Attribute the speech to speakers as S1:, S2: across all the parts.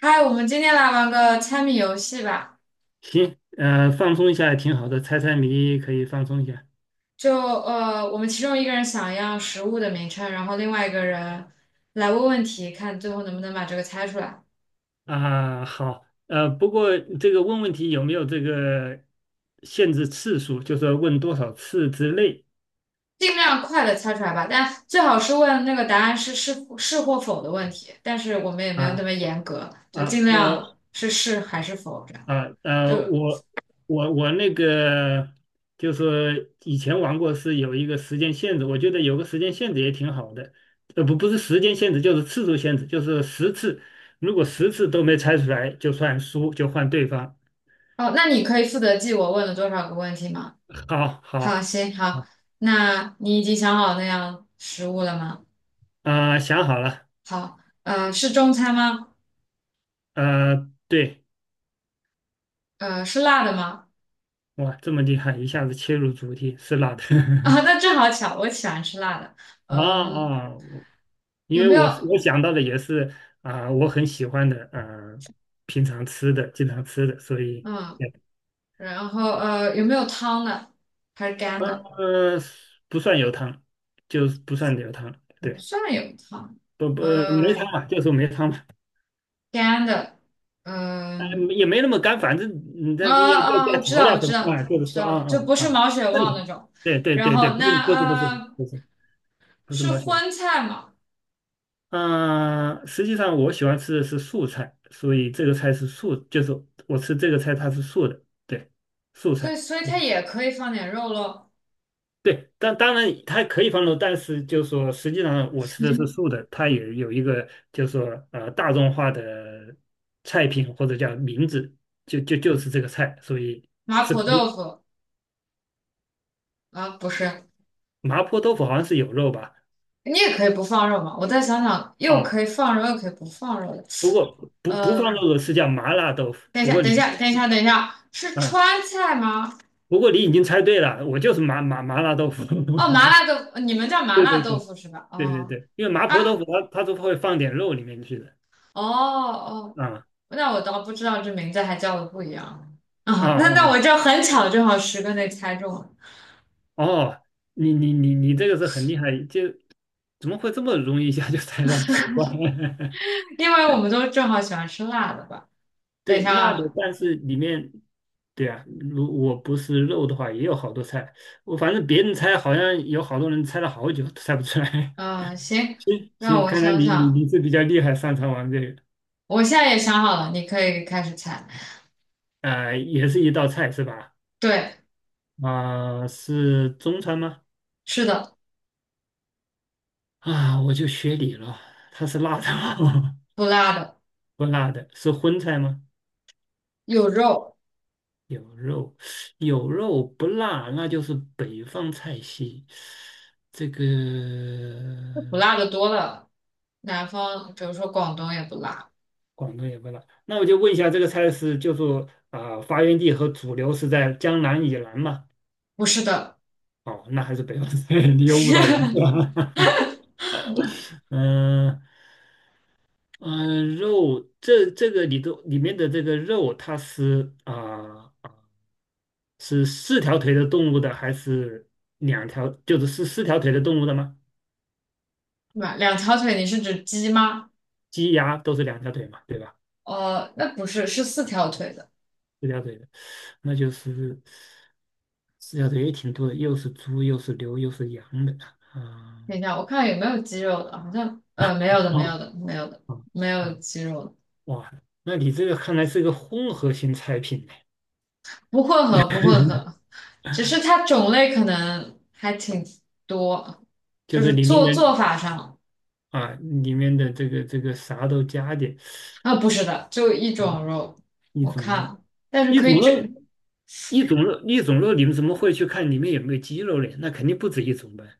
S1: 嗨，我们今天来玩个猜谜游戏吧。
S2: 行，放松一下也挺好的，猜猜谜可以放松一下。
S1: 就我们其中一个人想要食物的名称，然后另外一个人来问问题，看最后能不能把这个猜出来，
S2: 啊。好，不过这个问问题有没有这个限制次数，就是说问多少次之内。
S1: 尽量快的猜出来吧。但最好是问那个答案是是或否的问题，但是我们也没有那
S2: 啊
S1: 么严格，就
S2: 啊
S1: 尽
S2: 呃
S1: 量是还是否这样。
S2: 啊呃，
S1: 就
S2: 我我那个就是以前玩过是有一个时间限制，我觉得有个时间限制也挺好的。不是时间限制，就是次数限制，就是十次，如果十次都没猜出来就算输，就换对方。
S1: 哦，那你可以负责记我问了多少个问题吗？
S2: 好
S1: 好，
S2: 好。
S1: 行，好，那你已经想好那样食物了吗？
S2: 啊、想好了。
S1: 好，是中餐吗？
S2: 对。
S1: 是辣的吗？
S2: 哇，这么厉害，一下子切入主题，是辣的。
S1: 啊，那正好巧，我喜欢吃辣的。
S2: 啊
S1: 嗯，
S2: 我因
S1: 有
S2: 为
S1: 没有？
S2: 我想到的也是。啊、我很喜欢的，平常吃的，经常吃的，所以。
S1: 嗯，然后有没有汤的？还是干
S2: 对，
S1: 的？
S2: 呃，不算有汤，就是不算有汤，
S1: 不
S2: 对，
S1: 算有汤。
S2: 不不没汤
S1: 呃，
S2: 嘛，就说没汤嘛。
S1: 干的。
S2: 啊、
S1: 嗯，
S2: 也没那么干，反正你这
S1: 啊
S2: 要加
S1: 我知
S2: 调
S1: 道，我
S2: 料什
S1: 知
S2: 么
S1: 道，
S2: 啊，就
S1: 我
S2: 是
S1: 知
S2: 说
S1: 道了，就不是
S2: 啊，
S1: 毛血
S2: 正
S1: 旺
S2: 常，
S1: 那种。
S2: 对对
S1: 然
S2: 对对，
S1: 后
S2: 不是不是不是不是不是
S1: 是荤菜嘛？
S2: 嗯，实际上我喜欢吃的是素菜，所以这个菜是素，就是我吃这个菜它是素的，对，素
S1: 所以
S2: 菜。
S1: 所以它也可以放点肉咯。
S2: 对，但当然它可以放肉，但是就是说实际上我吃的是素的，它也有一个就是说大众化的菜品或者叫名字，就是这个菜，所以
S1: 麻
S2: 是
S1: 婆
S2: 可以。
S1: 豆腐啊，不是。
S2: 麻婆豆腐好像是有肉吧？
S1: 你也可以不放肉嘛。我再想想，又可
S2: 哦，
S1: 以放肉，又可以不放肉的。
S2: 不过不放
S1: 呃，
S2: 肉的是叫麻辣豆腐，
S1: 等一
S2: 不
S1: 下，
S2: 过
S1: 等
S2: 你。
S1: 一下，等一下，等一下，是
S2: 啊。
S1: 川菜吗？
S2: 不过你已经猜对了，我就是麻辣豆腐。
S1: 哦，麻辣豆腐，你们叫 麻
S2: 对
S1: 辣
S2: 对
S1: 豆
S2: 对
S1: 腐是吧？
S2: 对对
S1: 哦
S2: 对，因为麻婆豆
S1: 啊，
S2: 腐它都会放点肉里面去的。
S1: 哦哦，
S2: 啊
S1: 那我倒不知道这名字还叫的不一样
S2: 啊
S1: 啊。
S2: 啊
S1: 那
S2: 啊
S1: 我这很巧，正好10个内猜中了，
S2: 哦，你这个是很厉害，就怎么会这么容易一下就猜到奇怪？
S1: 因为我们都正好喜欢吃辣的吧。等一
S2: 对，
S1: 下
S2: 那的，
S1: 啊，
S2: 但是里面，对啊，如我不是肉的话，也有好多菜。我反正别人猜，好像有好多人猜了好久都猜不出来。
S1: 行，
S2: 行
S1: 让
S2: 行，
S1: 我
S2: 看来
S1: 想
S2: 你你
S1: 想，
S2: 你是比较厉害，擅长玩这个。
S1: 我现在也想好了，你可以开始猜。
S2: 啊、也是一道菜是吧？
S1: 对，
S2: 啊、是中餐吗？
S1: 是的，
S2: 啊，我就学你了，它是辣的吗？
S1: 不辣的，
S2: 不辣的，是荤菜吗？
S1: 有肉。
S2: 有肉，有肉不辣，那就是北方菜系。这个
S1: 不辣的多了。南方，比如说广东也不辣，
S2: 广东也不辣，那我就问一下，这个菜是就说啊、发源地和主流是在江南以南吗？
S1: 不是的。
S2: 哦，那还是北方菜，你又误导我了。嗯嗯，肉这个里头里面的这个肉，它是啊、是四条腿的动物的，还是两条？就是四条腿的动物的吗？
S1: 两条腿，你是指鸡吗？
S2: 鸡鸭都是两条腿嘛，对吧？
S1: 哦，那不是，是四条腿的。
S2: 四条腿的，那就是四条腿也挺多的，又是猪，又是牛，又是羊的啊。
S1: 等一下，我看有没有鸡肉的，好像没有的，没
S2: 哦
S1: 有的，没有的，
S2: 哦
S1: 没有
S2: 哦，
S1: 鸡肉的，
S2: 哇，那你这个看来是个混合型菜品呢，
S1: 不混合，不混合，只是它种类可能还挺多，
S2: 就
S1: 就
S2: 是
S1: 是
S2: 里面
S1: 做
S2: 的
S1: 做法上
S2: 啊，里面的这个啥都加点。
S1: 啊，不是的，就一种肉，
S2: 一
S1: 我
S2: 种肉，
S1: 看，但是
S2: 一
S1: 可以
S2: 种
S1: 这
S2: 肉，一种肉，一种肉，你们怎么会去看里面有没有鸡肉嘞？那肯定不止一种呗，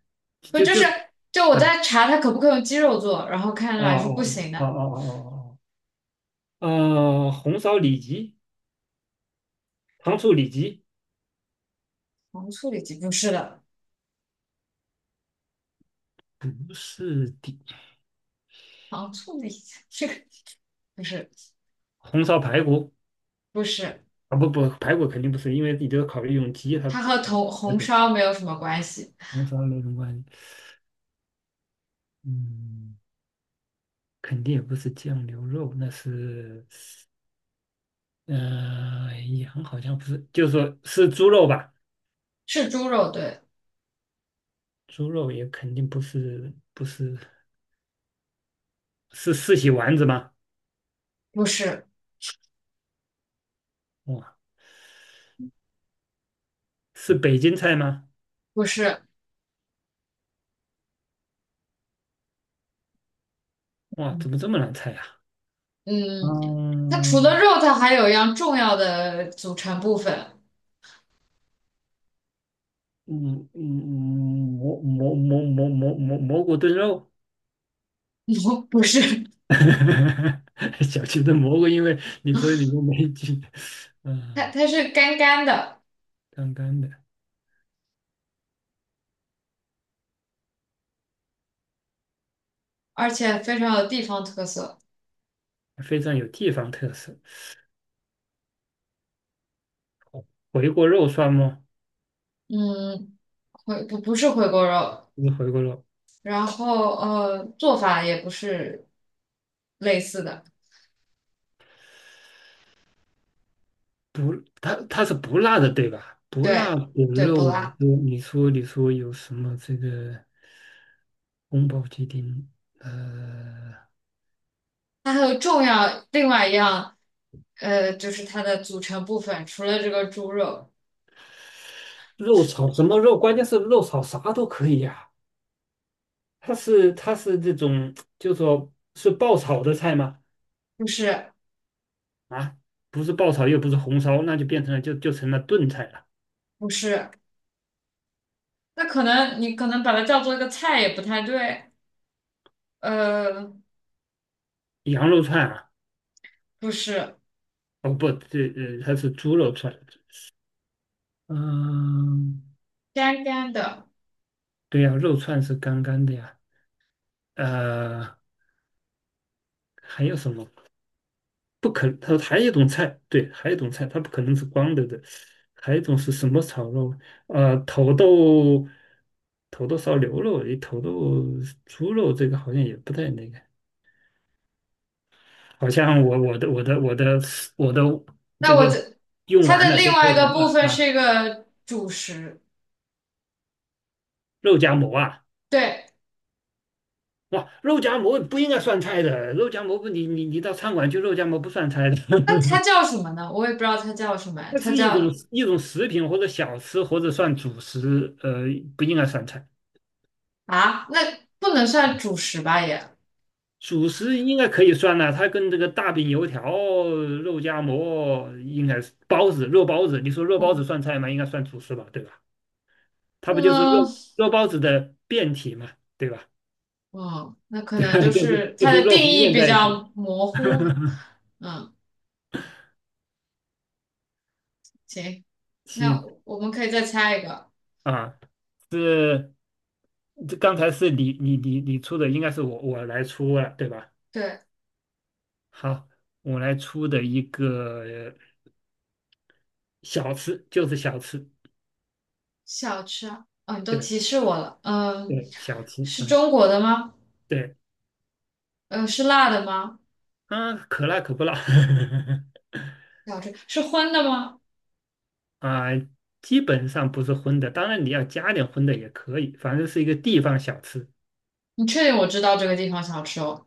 S1: 不
S2: 就
S1: 就
S2: 就
S1: 是就我
S2: 啊
S1: 在查它可不可以用鸡肉做，然后看
S2: 哦
S1: 来是不
S2: 哦
S1: 行
S2: 哦哦
S1: 的。
S2: 哦哦红烧里脊、糖醋里脊
S1: 糖醋里脊不是的，
S2: 不是的，
S1: 糖醋里脊这个不是
S2: 红烧排骨
S1: 不是，
S2: 啊不不，排骨肯定不是，因为你都要考虑用鸡，它
S1: 它
S2: 不
S1: 和
S2: 可能
S1: 红
S2: 排
S1: 红
S2: 骨
S1: 烧没有什么关系，
S2: 红烧那种关系。嗯，肯定也不是酱牛肉，那是羊好像不是，就是说是猪肉吧。
S1: 是猪肉对，
S2: 猪肉也肯定不是是四喜丸子吗？
S1: 不是
S2: 哇，是北京菜吗？
S1: 不是，
S2: 哇，
S1: 嗯
S2: 怎么这么难猜呀、
S1: 嗯，它除了
S2: 嗯
S1: 肉，它还有一样重要的组成部分，
S2: 嗯，蘑菇炖肉。
S1: 不是，
S2: 小区的蘑菇，因为你说你面没菌。
S1: 它
S2: 嗯，
S1: 它是干干的，
S2: 干干的，
S1: 而且非常有地方特色，
S2: 非常有地方特色。回锅肉算吗？
S1: 嗯，回不不是回锅肉。
S2: 不是回锅肉，
S1: 然后做法也不是类似的，
S2: 不，它是不辣的，对吧？不辣
S1: 对
S2: 的
S1: 对，不
S2: 肉，
S1: 辣。
S2: 你说有什么这个？宫保鸡丁，呃，
S1: 它还有重要另外一样，就是它的组成部分，除了这个猪肉，
S2: 肉炒什么肉？关键是肉炒啥都可以呀、它是这种，就说是爆炒的菜吗？
S1: 不是
S2: 啊，不是爆炒，又不是红烧，那就变成了就成了炖菜了。
S1: 不是，那可能你可能把它叫做一个菜也不太对，呃，
S2: 羊肉串啊，
S1: 不是
S2: 哦不，这它是猪肉串。嗯，
S1: 干干的。
S2: 对呀、肉串是干干的呀。呃，还有什么？不可，它还有一种菜，对，还有一种菜，它不可能是光的，还有一种是什么炒肉？土豆头都烧牛肉，头都猪肉，这个好像也不太那个。好像我的
S1: 那
S2: 这
S1: 我
S2: 个
S1: 这
S2: 用
S1: 它
S2: 完
S1: 的
S2: 了都
S1: 另
S2: 做
S1: 外一
S2: 完
S1: 个
S2: 了
S1: 部分
S2: 啊。
S1: 是一个主食，
S2: 肉夹馍啊，
S1: 对。
S2: 哇，肉夹馍不应该算菜的，肉夹馍不你你你到餐馆去肉夹馍不算菜的。
S1: 那它 叫什么呢？我也不知道它叫什么呀
S2: 那
S1: 它
S2: 是
S1: 叫
S2: 一种食品或者小吃或者算主食。不应该算菜。
S1: 啊，那不能算主食吧也。
S2: 主食应该可以算了，它跟这个大饼、油条、肉夹馍应该是包子、肉包子。你说肉包
S1: 我
S2: 子算菜吗？应该算主食吧，对吧？它不就是
S1: 嗯
S2: 肉包子的变体嘛，对吧？
S1: 哦，那 可能就
S2: 对就是
S1: 是它的定
S2: 肉和
S1: 义
S2: 面
S1: 比
S2: 在一起。
S1: 较模糊。嗯，行，那
S2: 行
S1: 我们可以再猜一个。
S2: 啊，是这刚才是你出的，应该是我来出了，对吧？
S1: 对，
S2: 好，我来出的一个小吃，就是小吃，
S1: 小吃啊，哦，你都
S2: 对
S1: 提示我了。嗯，
S2: 对，小吃，
S1: 是
S2: 嗯，
S1: 中国的吗？
S2: 对。
S1: 嗯，是辣的吗？
S2: 啊，可辣可不辣。
S1: 小吃是荤的吗？
S2: 啊，基本上不是荤的，当然你要加点荤的也可以，反正是一个地方小吃
S1: 你确定我知道这个地方小吃哦？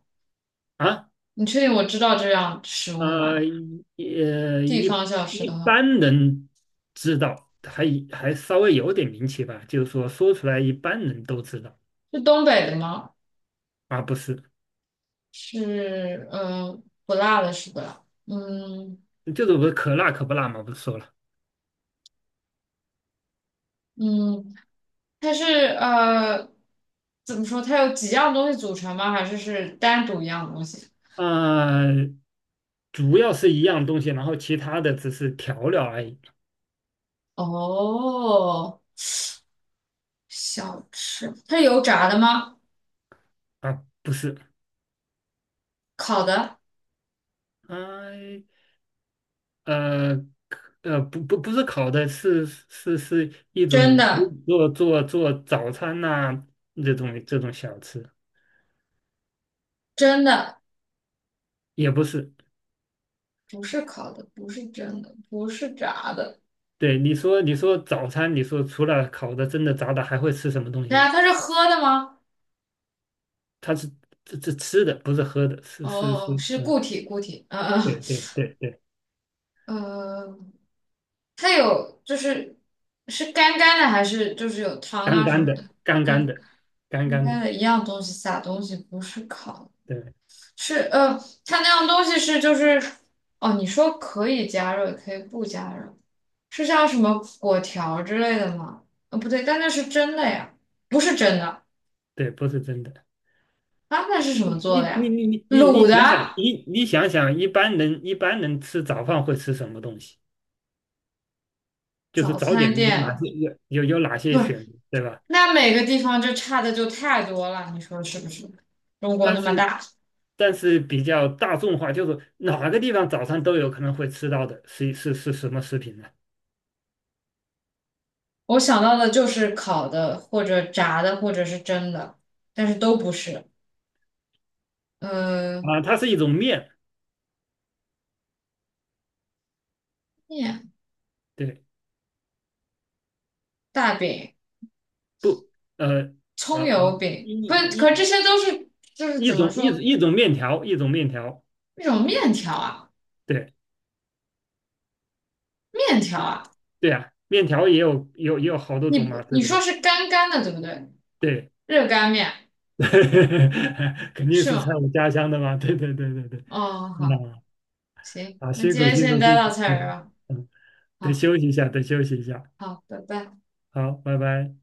S2: 啊。
S1: 你确定我知道这样食物
S2: 呃，
S1: 吗？
S2: 一呃，
S1: 地
S2: 一
S1: 方小吃
S2: 一
S1: 的话，
S2: 般人知道，还稍微有点名气吧，就是说说出来一般人都知道。
S1: 是东北的吗？
S2: 啊，不是
S1: 是，嗯，不辣的是不辣？嗯
S2: 就是我可辣可不辣嘛，不是说了。
S1: 嗯。它是呃，怎么说？它有几样东西组成吗？还是单独一样东西？
S2: 啊，主要是一样东西，然后其他的只是调料而已。
S1: 哦，小吃，它是油炸的吗？
S2: 啊，不是。
S1: 烤的，
S2: 呃呃不是烤的是，是一
S1: 真
S2: 种
S1: 的，
S2: 做早餐呐、这种小吃，
S1: 真的，
S2: 也不是。
S1: 不是烤的，不是真的，不是炸的。
S2: 对，你说早餐，你说除了烤的、蒸的、炸的，还会吃什么东
S1: 对
S2: 西呢？
S1: 啊，它是喝的吗？
S2: 它是这吃的，不是喝的，是。
S1: 哦，是
S2: 嗯，
S1: 固体，固体。嗯
S2: 对对对对，
S1: 嗯，它有就是干干的，还是就是有汤
S2: 干
S1: 啊什
S2: 干
S1: 么
S2: 的，
S1: 的？
S2: 干
S1: 干
S2: 干的，干
S1: 干
S2: 干的，
S1: 干的一样东西撒东西，不是烤。
S2: 对
S1: 是呃，它那样东西是就是哦，你说可以加热，也可以不加热，是像什么果条之类的吗？不对，但那是真的呀，不是真的
S2: 对，不是真的。
S1: 啊，那是什
S2: 你
S1: 么做
S2: 你
S1: 的
S2: 你
S1: 呀？
S2: 你你你
S1: 卤
S2: 你
S1: 的
S2: 想想，你想想，一般人吃早饭会吃什么东西？就是
S1: 早
S2: 早点
S1: 餐
S2: 有哪些
S1: 店，
S2: 有有有哪
S1: 不
S2: 些
S1: 是，
S2: 选，对吧？
S1: 那每个地方就差的就太多了，你说是不是？中国那
S2: 但
S1: 么
S2: 是
S1: 大，
S2: 比较大众化，就是哪个地方早餐都有可能会吃到的，是什么食品呢？
S1: 我想到的就是烤的或者炸的或者是蒸的，但是都不是。嗯，
S2: 啊，它是一种面，
S1: 面
S2: 对，
S1: 大饼。
S2: 不，呃呃
S1: 葱
S2: 呃，
S1: 油饼，
S2: 一
S1: 可这
S2: 一
S1: 些都是就是
S2: 一
S1: 怎么
S2: 种
S1: 说
S2: 种面条，一种面条，
S1: 那种面条啊，
S2: 对
S1: 面条啊，
S2: 对啊，面条也有好多
S1: 你
S2: 种嘛，
S1: 不
S2: 对
S1: 你
S2: 不
S1: 说
S2: 对？
S1: 是干干的对不对？
S2: 对，
S1: 热干面
S2: 肯定
S1: 是
S2: 是
S1: 吗？
S2: 在我家乡的嘛，对对对对对。
S1: 哦，
S2: 嗯
S1: 好，行，
S2: 啊，
S1: 那
S2: 辛
S1: 今
S2: 苦
S1: 天
S2: 辛
S1: 先
S2: 苦
S1: 待
S2: 辛
S1: 到
S2: 苦，
S1: 这儿
S2: 嗯
S1: 吧。
S2: 嗯，得
S1: 好
S2: 休息一下，得休息一下。
S1: 好，拜拜。
S2: 好，拜拜。